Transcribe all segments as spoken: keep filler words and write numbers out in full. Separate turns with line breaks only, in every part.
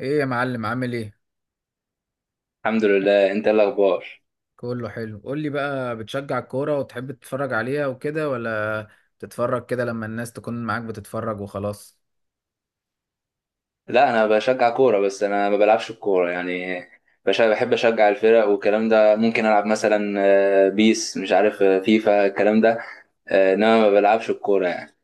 ايه يا معلم عامل ايه؟
الحمد لله. انت ايه الاخبار؟
كله حلو. قول لي بقى، بتشجع الكورة وتحب تتفرج عليها وكده، ولا تتفرج كده لما الناس تكون معاك بتتفرج وخلاص؟
لا، انا بشجع كوره بس انا ما بلعبش الكوره يعني. بش- بحب اشجع الفرق والكلام ده، ممكن العب مثلا. آه، بيس، مش عارف، آه، فيفا، الكلام ده. آه، انما ما بلعبش الكوره يعني.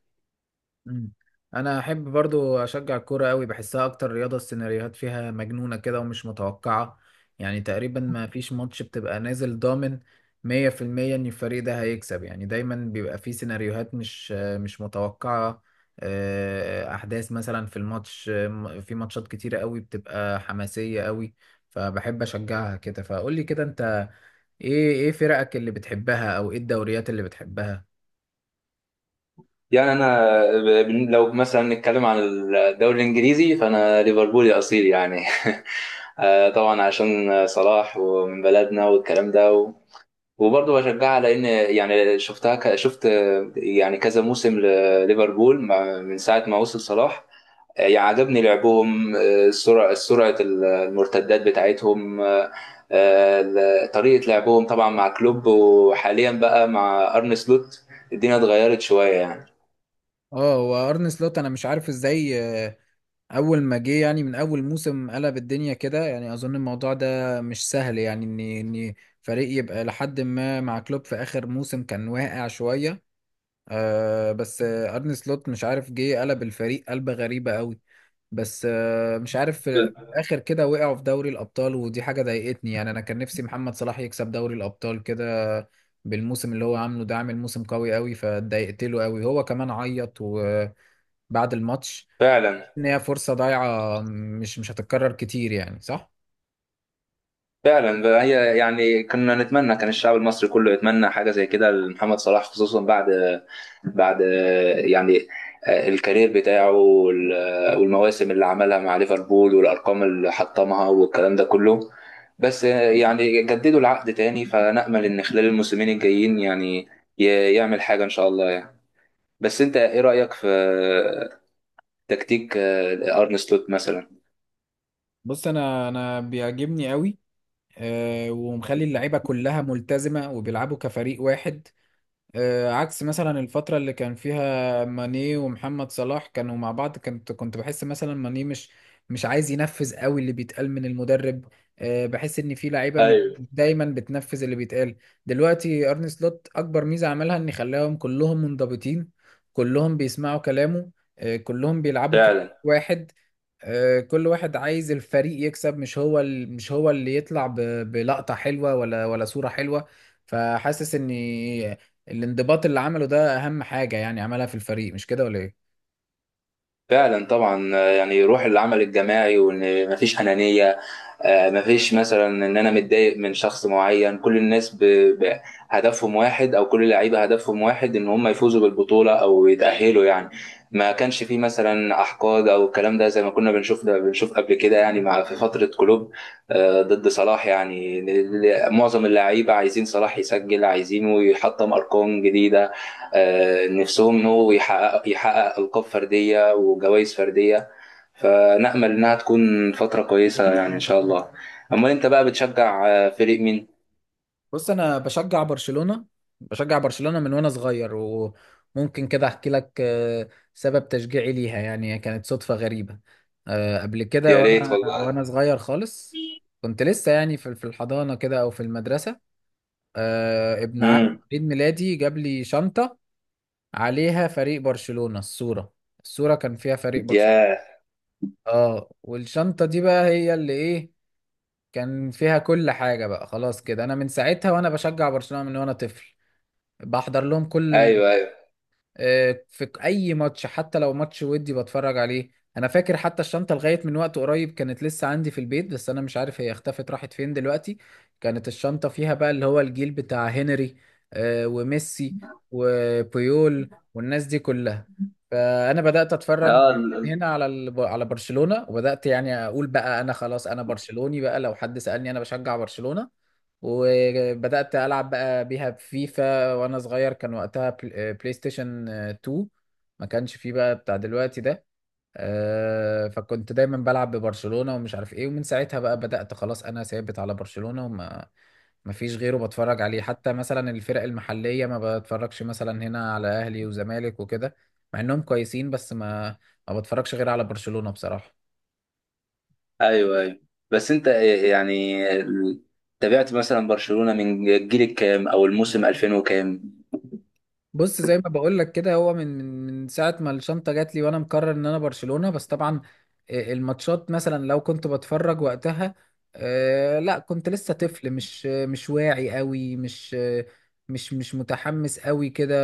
مم. انا احب برضو اشجع الكوره قوي، بحسها اكتر رياضه السيناريوهات فيها مجنونه كده ومش متوقعه. يعني تقريبا ما فيش ماتش بتبقى نازل ضامن مية في المية ان الفريق ده هيكسب. يعني دايما بيبقى فيه سيناريوهات مش مش متوقعه، آه، احداث مثلا في الماتش. آه، في ماتشات كتيره قوي بتبقى حماسيه قوي، فبحب اشجعها كده. فقول لي كده انت، ايه ايه فرقك اللي بتحبها او ايه الدوريات اللي بتحبها؟
يعني انا ب- بن- لو مثلا نتكلم عن الدوري الانجليزي فانا ليفربولي اصيل يعني. آه، طبعا عشان صلاح، ومن بلدنا والكلام ده، و... وبرضه بشجعها، لان يعني شفتها ك... شفت، آه، يعني كذا موسم لليفربول، مع- من ساعه ما وصل صلاح. آه، يعجبني لعبهم، آه، سرعة سرعة المرتدات بتاعتهم، آه، آه، طريقة لعبهم طبعا مع كلوب، وحاليا بقى مع أرن سلوت. الدنيا اتغيرت شوية يعني.
اه، وارن سلوت انا مش عارف ازاي اول ما جه، يعني من اول موسم قلب الدنيا كده. يعني اظن الموضوع ده مش سهل، يعني ان ان فريق يبقى لحد ما مع كلوب في اخر موسم كان واقع شويه، آه بس آه ارني سلوت مش عارف جه قلب الفريق، قلبه غريبه قوي. بس آه مش عارف في الاخر كده وقعوا في دوري الابطال، ودي حاجه ضايقتني. يعني انا كان نفسي محمد صلاح يكسب دوري الابطال كده، بالموسم اللي هو عامله ده. عامل موسم قوي قوي، فاتضايقت له قوي. هو كمان عيط وبعد الماتش،
فعلا.
ان هي فرصة ضايعة مش مش هتتكرر كتير، يعني صح؟
فعلا بقى، هي يعني كنا نتمنى، كان الشعب المصري كله يتمنى حاجه زي كده لمحمد صلاح، خصوصا بعد بعد يعني الكارير بتاعه وال- والمواسم اللي عملها مع ليفربول، والارقام اللي حطمها والكلام ده كله. بس يعني جددوا العقد تاني، فنأمل ان خلال الموسمين الجايين يعني ي- يعمل حاجه ان شاء الله يعني. بس انت ايه رأيك في تكتيك ارن سلوت مثلا؟
بص، انا انا بيعجبني قوي، آه، ومخلي اللعيبه كلها ملتزمه وبيلعبوا كفريق واحد. آه، عكس مثلا الفترة اللي كان فيها ماني ومحمد صلاح كانوا مع بعض، كنت كنت بحس مثلا ماني مش مش عايز ينفذ قوي اللي بيتقال من المدرب. آه، بحس ان في لعيبة مش
ايوه.
دايما بتنفذ اللي بيتقال. دلوقتي ارني سلوت اكبر ميزة عملها ان خلاهم كلهم منضبطين، كلهم بيسمعوا كلامه، آه، كلهم بيلعبوا كلاعب
فعلا،
واحد. آه، كل واحد عايز الفريق يكسب، مش هو ال- مش هو اللي يطلع ب- بلقطة حلوة ولا ولا صورة حلوة. فحاسس ان الانضباط اللي عمله ده اهم حاجه يعني عملها في الفريق، مش كده ولا ايه؟
فعلا. طبعا، آه، يعني روح العمل الجماعي وان مفيش انانيه. آه، مفيش مثلا ان انا متضايق من شخص معين، كل الناس ب... ب... هدفهم واحد، او كل اللعيبه هدفهم واحد ان هم يفوزوا بالبطوله او يتاهلوا يعني. ما كانش فيه مثلا احقاد او الكلام ده، زي ما كنا بنشوف ده بنشوف قبل كده يعني، مع في فتره كلوب. آه، ضد صلاح يعني، ل- ل- معظم اللعيبه عايزين صلاح يسجل، عايزينه يحطم ارقام جديده. آه، نفسهم انه يحقق يحقق القاب فرديه وجوائز فرديه. فنأمل إنها تكون فترة كويسة يعني إن شاء الله. أمال أنت بقى بتشجع آه، فريق مين؟
بص، انا بشجع برشلونه. بشجع برشلونه من وانا صغير، وممكن كده احكي لك آه، سبب تشجيعي ليها. يعني هي كانت صدفه غريبه، آه، قبل كده
يا ريت
وانا
والله.
وانا صغير خالص. كنت لسه يعني في في الحضانه كده او في المدرسه. آه، ابن عم
امم.
عيد ميلادي جاب لي شنطه عليها فريق برشلونه. الصوره الصوره كان فيها فريق برشلونه.
يا،
اه، والشنطه دي بقى هي اللي ايه، كان فيها كل حاجة. بقى خلاص كده، أنا من ساعتها وأنا بشجع برشلونة من وأنا طفل. بحضر لهم كل
أيوه، أيوه.
آه، في اي ماتش، حتى لو ماتش ودي بتفرج عليه. انا فاكر حتى الشنطه لغايه من وقت قريب كانت لسه عندي في البيت، بس انا مش عارف هي اختفت راحت فين دلوقتي. كانت الشنطه فيها بقى اللي هو الجيل بتاع هنري، آه، وميسي وبيول والناس دي كلها. فانا بدات اتفرج
آه ال-
من
ال-
هنا على ال- على برشلونه، وبدات يعني اقول بقى انا خلاص انا برشلوني. بقى لو حد سالني انا بشجع برشلونه. وبدأت ألعب بقى بيها بفيفا وأنا صغير، كان وقتها بل- بلاي ستيشن آه، اتنين. ما كانش فيه بقى بتاع دلوقتي ده. آه، فكنت دايما بلعب ببرشلونة ومش عارف ايه. ومن ساعتها بقى بدأت خلاص أنا ثابت على برشلونة، وما ما فيش غيره بتفرج عليه. حتى مثلا الفرق المحلية ما بتفرجش مثلا هنا على أهلي وزمالك وكده، مع إنهم كويسين، بس ما ما بتفرجش غير على برشلونة بصراحة.
أيوه، أيوه. بس أنت، يعني ال- تابعت مثلا برشلونة من الجيل الكام أو الموسم ألفين وكام؟
بص زي ما بقول لك كده، هو من من من ساعه ما الشنطه جات لي وانا مقرر ان انا برشلونه. بس طبعا آه، الماتشات مثلا لو كنت بتفرج وقتها، آه، لا كنت لسه طفل، مش آه، مش واعي قوي، مش آه، مش مش متحمس قوي كده.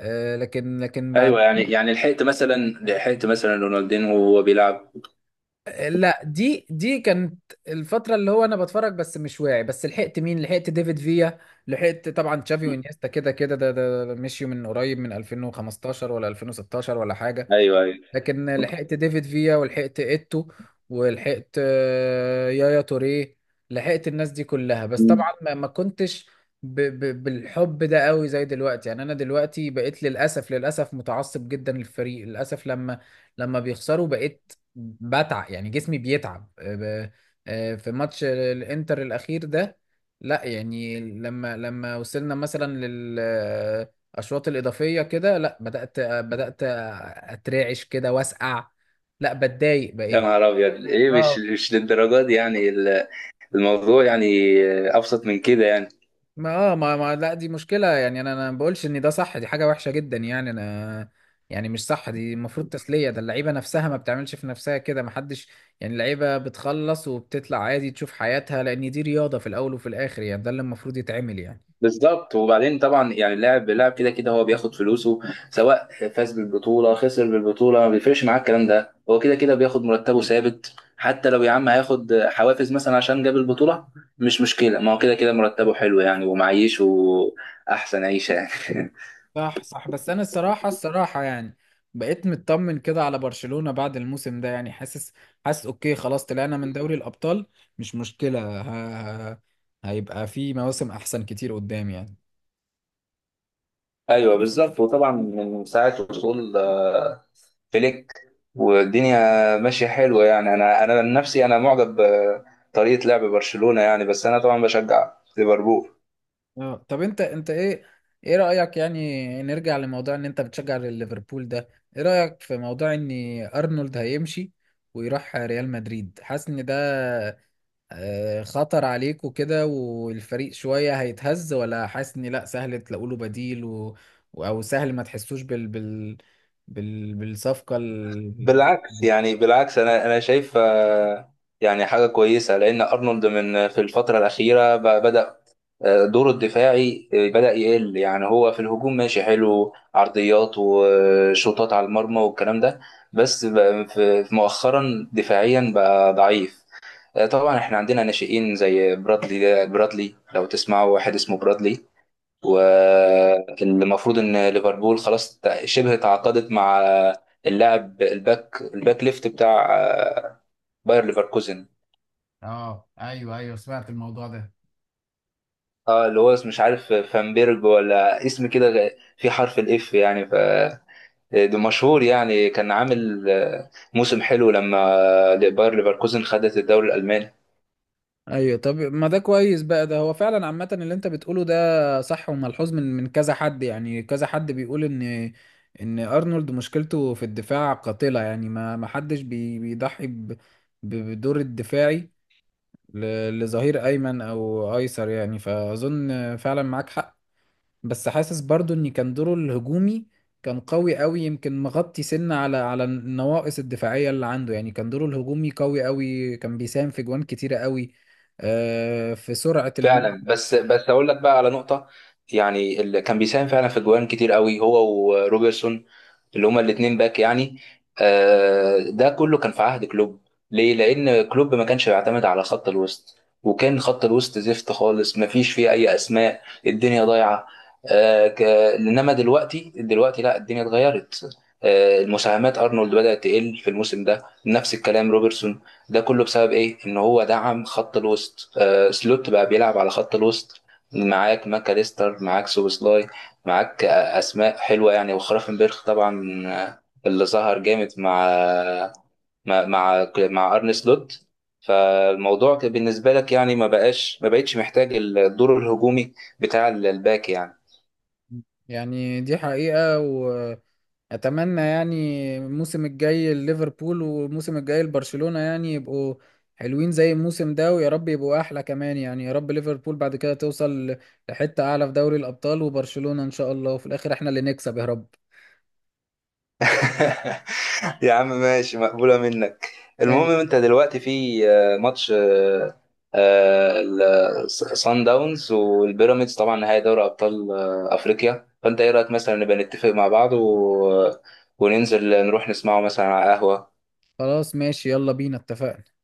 آه، لكن لكن
أيوه،
بعد
يعني يعني لحقت مثلا لحقت مثلا رونالدينو وهو بيلعب.
آه، لا، دي دي كانت الفتره اللي هو انا بتفرج بس مش واعي. بس لحقت مين؟ لحقت ديفيد فيا، لحقت طبعا تشافي وانيستا كده. كده ده ده ده مشيوا من قريب، من ألفين وخمستاشر ولا ألفين وستاشر ولا حاجه.
أيوه، أيوه.
لكن لحقت ديفيد فيا، ولحقت ايتو، ولحقت آه، يايا توريه. لحقت الناس دي كلها، بس
مم.
طبعا ما ما كنتش ب ب بالحب ده قوي زي دلوقتي. يعني انا دلوقتي بقيت للاسف، للاسف متعصب جدا للفريق. للاسف لما لما بيخسروا بقيت بتعب، يعني جسمي بيتعب. آه، ب- آه، في ماتش الانتر الاخير ده، لا يعني لما لما وصلنا مثلا اشواط الاضافيه كده، لا بدات بدات اترعش كده واسقع، لا بتضايق
يا
بقيت.
نهار أبيض، إيه؟ مش
اه
مش للدرجة دي يعني، ال- الموضوع يعني آه، أبسط من كده يعني.
ما اه ما, ما لا، دي مشكله، يعني انا انا ما بقولش ان ده صح، دي حاجه وحشه جدا. يعني انا يعني مش صح، دي المفروض تسليه. ده اللعيبه نفسها ما بتعملش في نفسها كده، ما حدش. يعني اللعيبه بتخلص وبتطلع عادي تشوف حياتها، لان دي رياضه في الاول وفي الاخر، يعني ده اللي المفروض يتعمل يعني.
بالظبط. وبعدين طبعا يعني، اللاعب اللاعب كده كده هو بياخد فلوسه. سواء فاز بالبطوله، خسر بالبطوله، ما بيفرقش معاه الكلام ده. هو كده كده بياخد مرتبه ثابت، حتى لو يا عم هياخد حوافز مثلا عشان جاب البطوله، مش مشكله، ما هو كده كده مرتبه حلو يعني ومعيشه احسن عيشه يعني.
صح، صح. بس انا الصراحه، الصراحه يعني بقيت مطمن كده على برشلونه بعد الموسم ده. يعني حاسس حاسس اوكي خلاص، طلعنا من دوري الابطال، مش مشكله، ه... ه- هيبقى في مواسم احسن كتير قدام يعني.
ايوه، بالظبط. وطبعا من ساعه وصول آه، فليك، والدنيا ماشيه حلوه يعني. انا انا عن نفسي انا معجب بطريقه لعب برشلونه يعني، بس انا طبعا بشجع ليفربول.
اه، طب انت، انت ايه ايه رايك يعني؟ نرجع لموضوع ان انت بتشجع ليفربول ده، ايه رايك في موضوع ان ارنولد هيمشي ويروح ريال مدريد؟ حاسس ان ده آه، خطر عليكوا كده والفريق شوية هيتهز، ولا حاسس ان لا، سهل تلاقوا له بديل و... و- او سهل ما تحسوش بال... بال... بال... بالصفقة ال...
بالعكس
دي؟
يعني، بالعكس انا انا شايف آه، يعني حاجه كويسه، لان ارنولد من في الفتره الاخيره ب- بدا آه، دوره الدفاعي آه، بدا يقل يعني. هو في الهجوم ماشي حلو، عرضيات وشوطات على المرمى والكلام ده، بس ب- في في مؤخرا دفاعيا بقى ضعيف. آه، طبعا احنا عندنا ناشئين زي برادلي، ده- برادلي لو تسمعوا، واحد اسمه برادلي. والمفروض ان ليفربول خلاص تع- شبه تعاقدت مع اللاعب الباك الباك ليفت بتاع آه، باير ليفركوزن.
اه ايوه، ايوه سمعت الموضوع ده.
اه، اللي هو اسمه مش عارف فانبيرج، ولا اسم كده غ- في حرف الاف يعني ف ده مشهور يعني، كان عامل آه، موسم حلو لما آه، باير ليفركوزن خدت الدوري الالماني.
ايوه، طب ما ده كويس بقى. ده هو فعلا عامة اللي انت بتقوله ده صح، وملحوظ من من كذا حد. يعني كذا حد بيقول ان ان ارنولد مشكلته في الدفاع قاتلة. يعني ما ما حدش بي... بيضحي ب... ب- بالدور الدفاعي، ل- لظهير ايمن او ايسر يعني. فاظن فعلا معاك حق. بس حاسس برضو ان كان دوره الهجومي كان قوي قوي، يمكن مغطي سنة على على النواقص الدفاعية اللي عنده. يعني كان دوره الهجومي قوي قوي، كان بيساهم في جوان كتيرة قوي، آه، في سرعة الملعب.
فعلا. بس بس اقول لك بقى على نقطه، يعني اللي كان بيساهم فعلا في جوان كتير قوي هو وروبرتسون، اللي هما الاثنين باك يعني. آه، ده كله كان في عهد كلوب. ليه؟ لان كلوب ما كانش بيعتمد على خط الوسط، وكان خط الوسط زفت خالص، ما فيش فيه اي اسماء، الدنيا ضايعه. آه، ك- انما دلوقتي، دلوقتي لا الدنيا اتغيرت. آه، المساهمات ارنولد بدأت تقل في الموسم ده، نفس الكلام روبرتسون، ده كله بسبب ايه؟ ان هو دعم خط الوسط. آه، سلوت بقى بيلعب على خط الوسط. معاك ماكاليستر، معاك سوبوسلاي، معاك آه، اسماء حلوه يعني، وخرافنبرخ طبعا، آه، اللي ظهر جامد مع مع مع, مع ارن سلوت. فالموضوع كان بالنسبه لك يعني ما بقاش ما بقتش محتاج الدور الهجومي بتاع الباك يعني.
يعني دي حقيقة. اتمنى يعني الموسم الجاي ليفربول والموسم الجاي لبرشلونة يعني يبقوا حلوين زي الموسم ده، ويا رب يبقوا احلى كمان. يعني يا رب ليفربول بعد كده توصل لحتة اعلى في دوري الابطال، وبرشلونة ان شاء الله، وفي الاخر احنا اللي نكسب يا رب.
يا عم، ماشي، مقبولة منك.
ماشي،
المهم انت دلوقتي في آه، ماتش آه، آه، ال- صن داونز والبيراميدز، طبعا نهائي دوري ابطال آه، افريقيا. فانت ايه رايك مثلا نبقى نتفق مع بعض، و... آه، وننزل نروح نسمعه مثلا على قهوة؟
خلاص ماشي، يلا بينا، اتفقنا.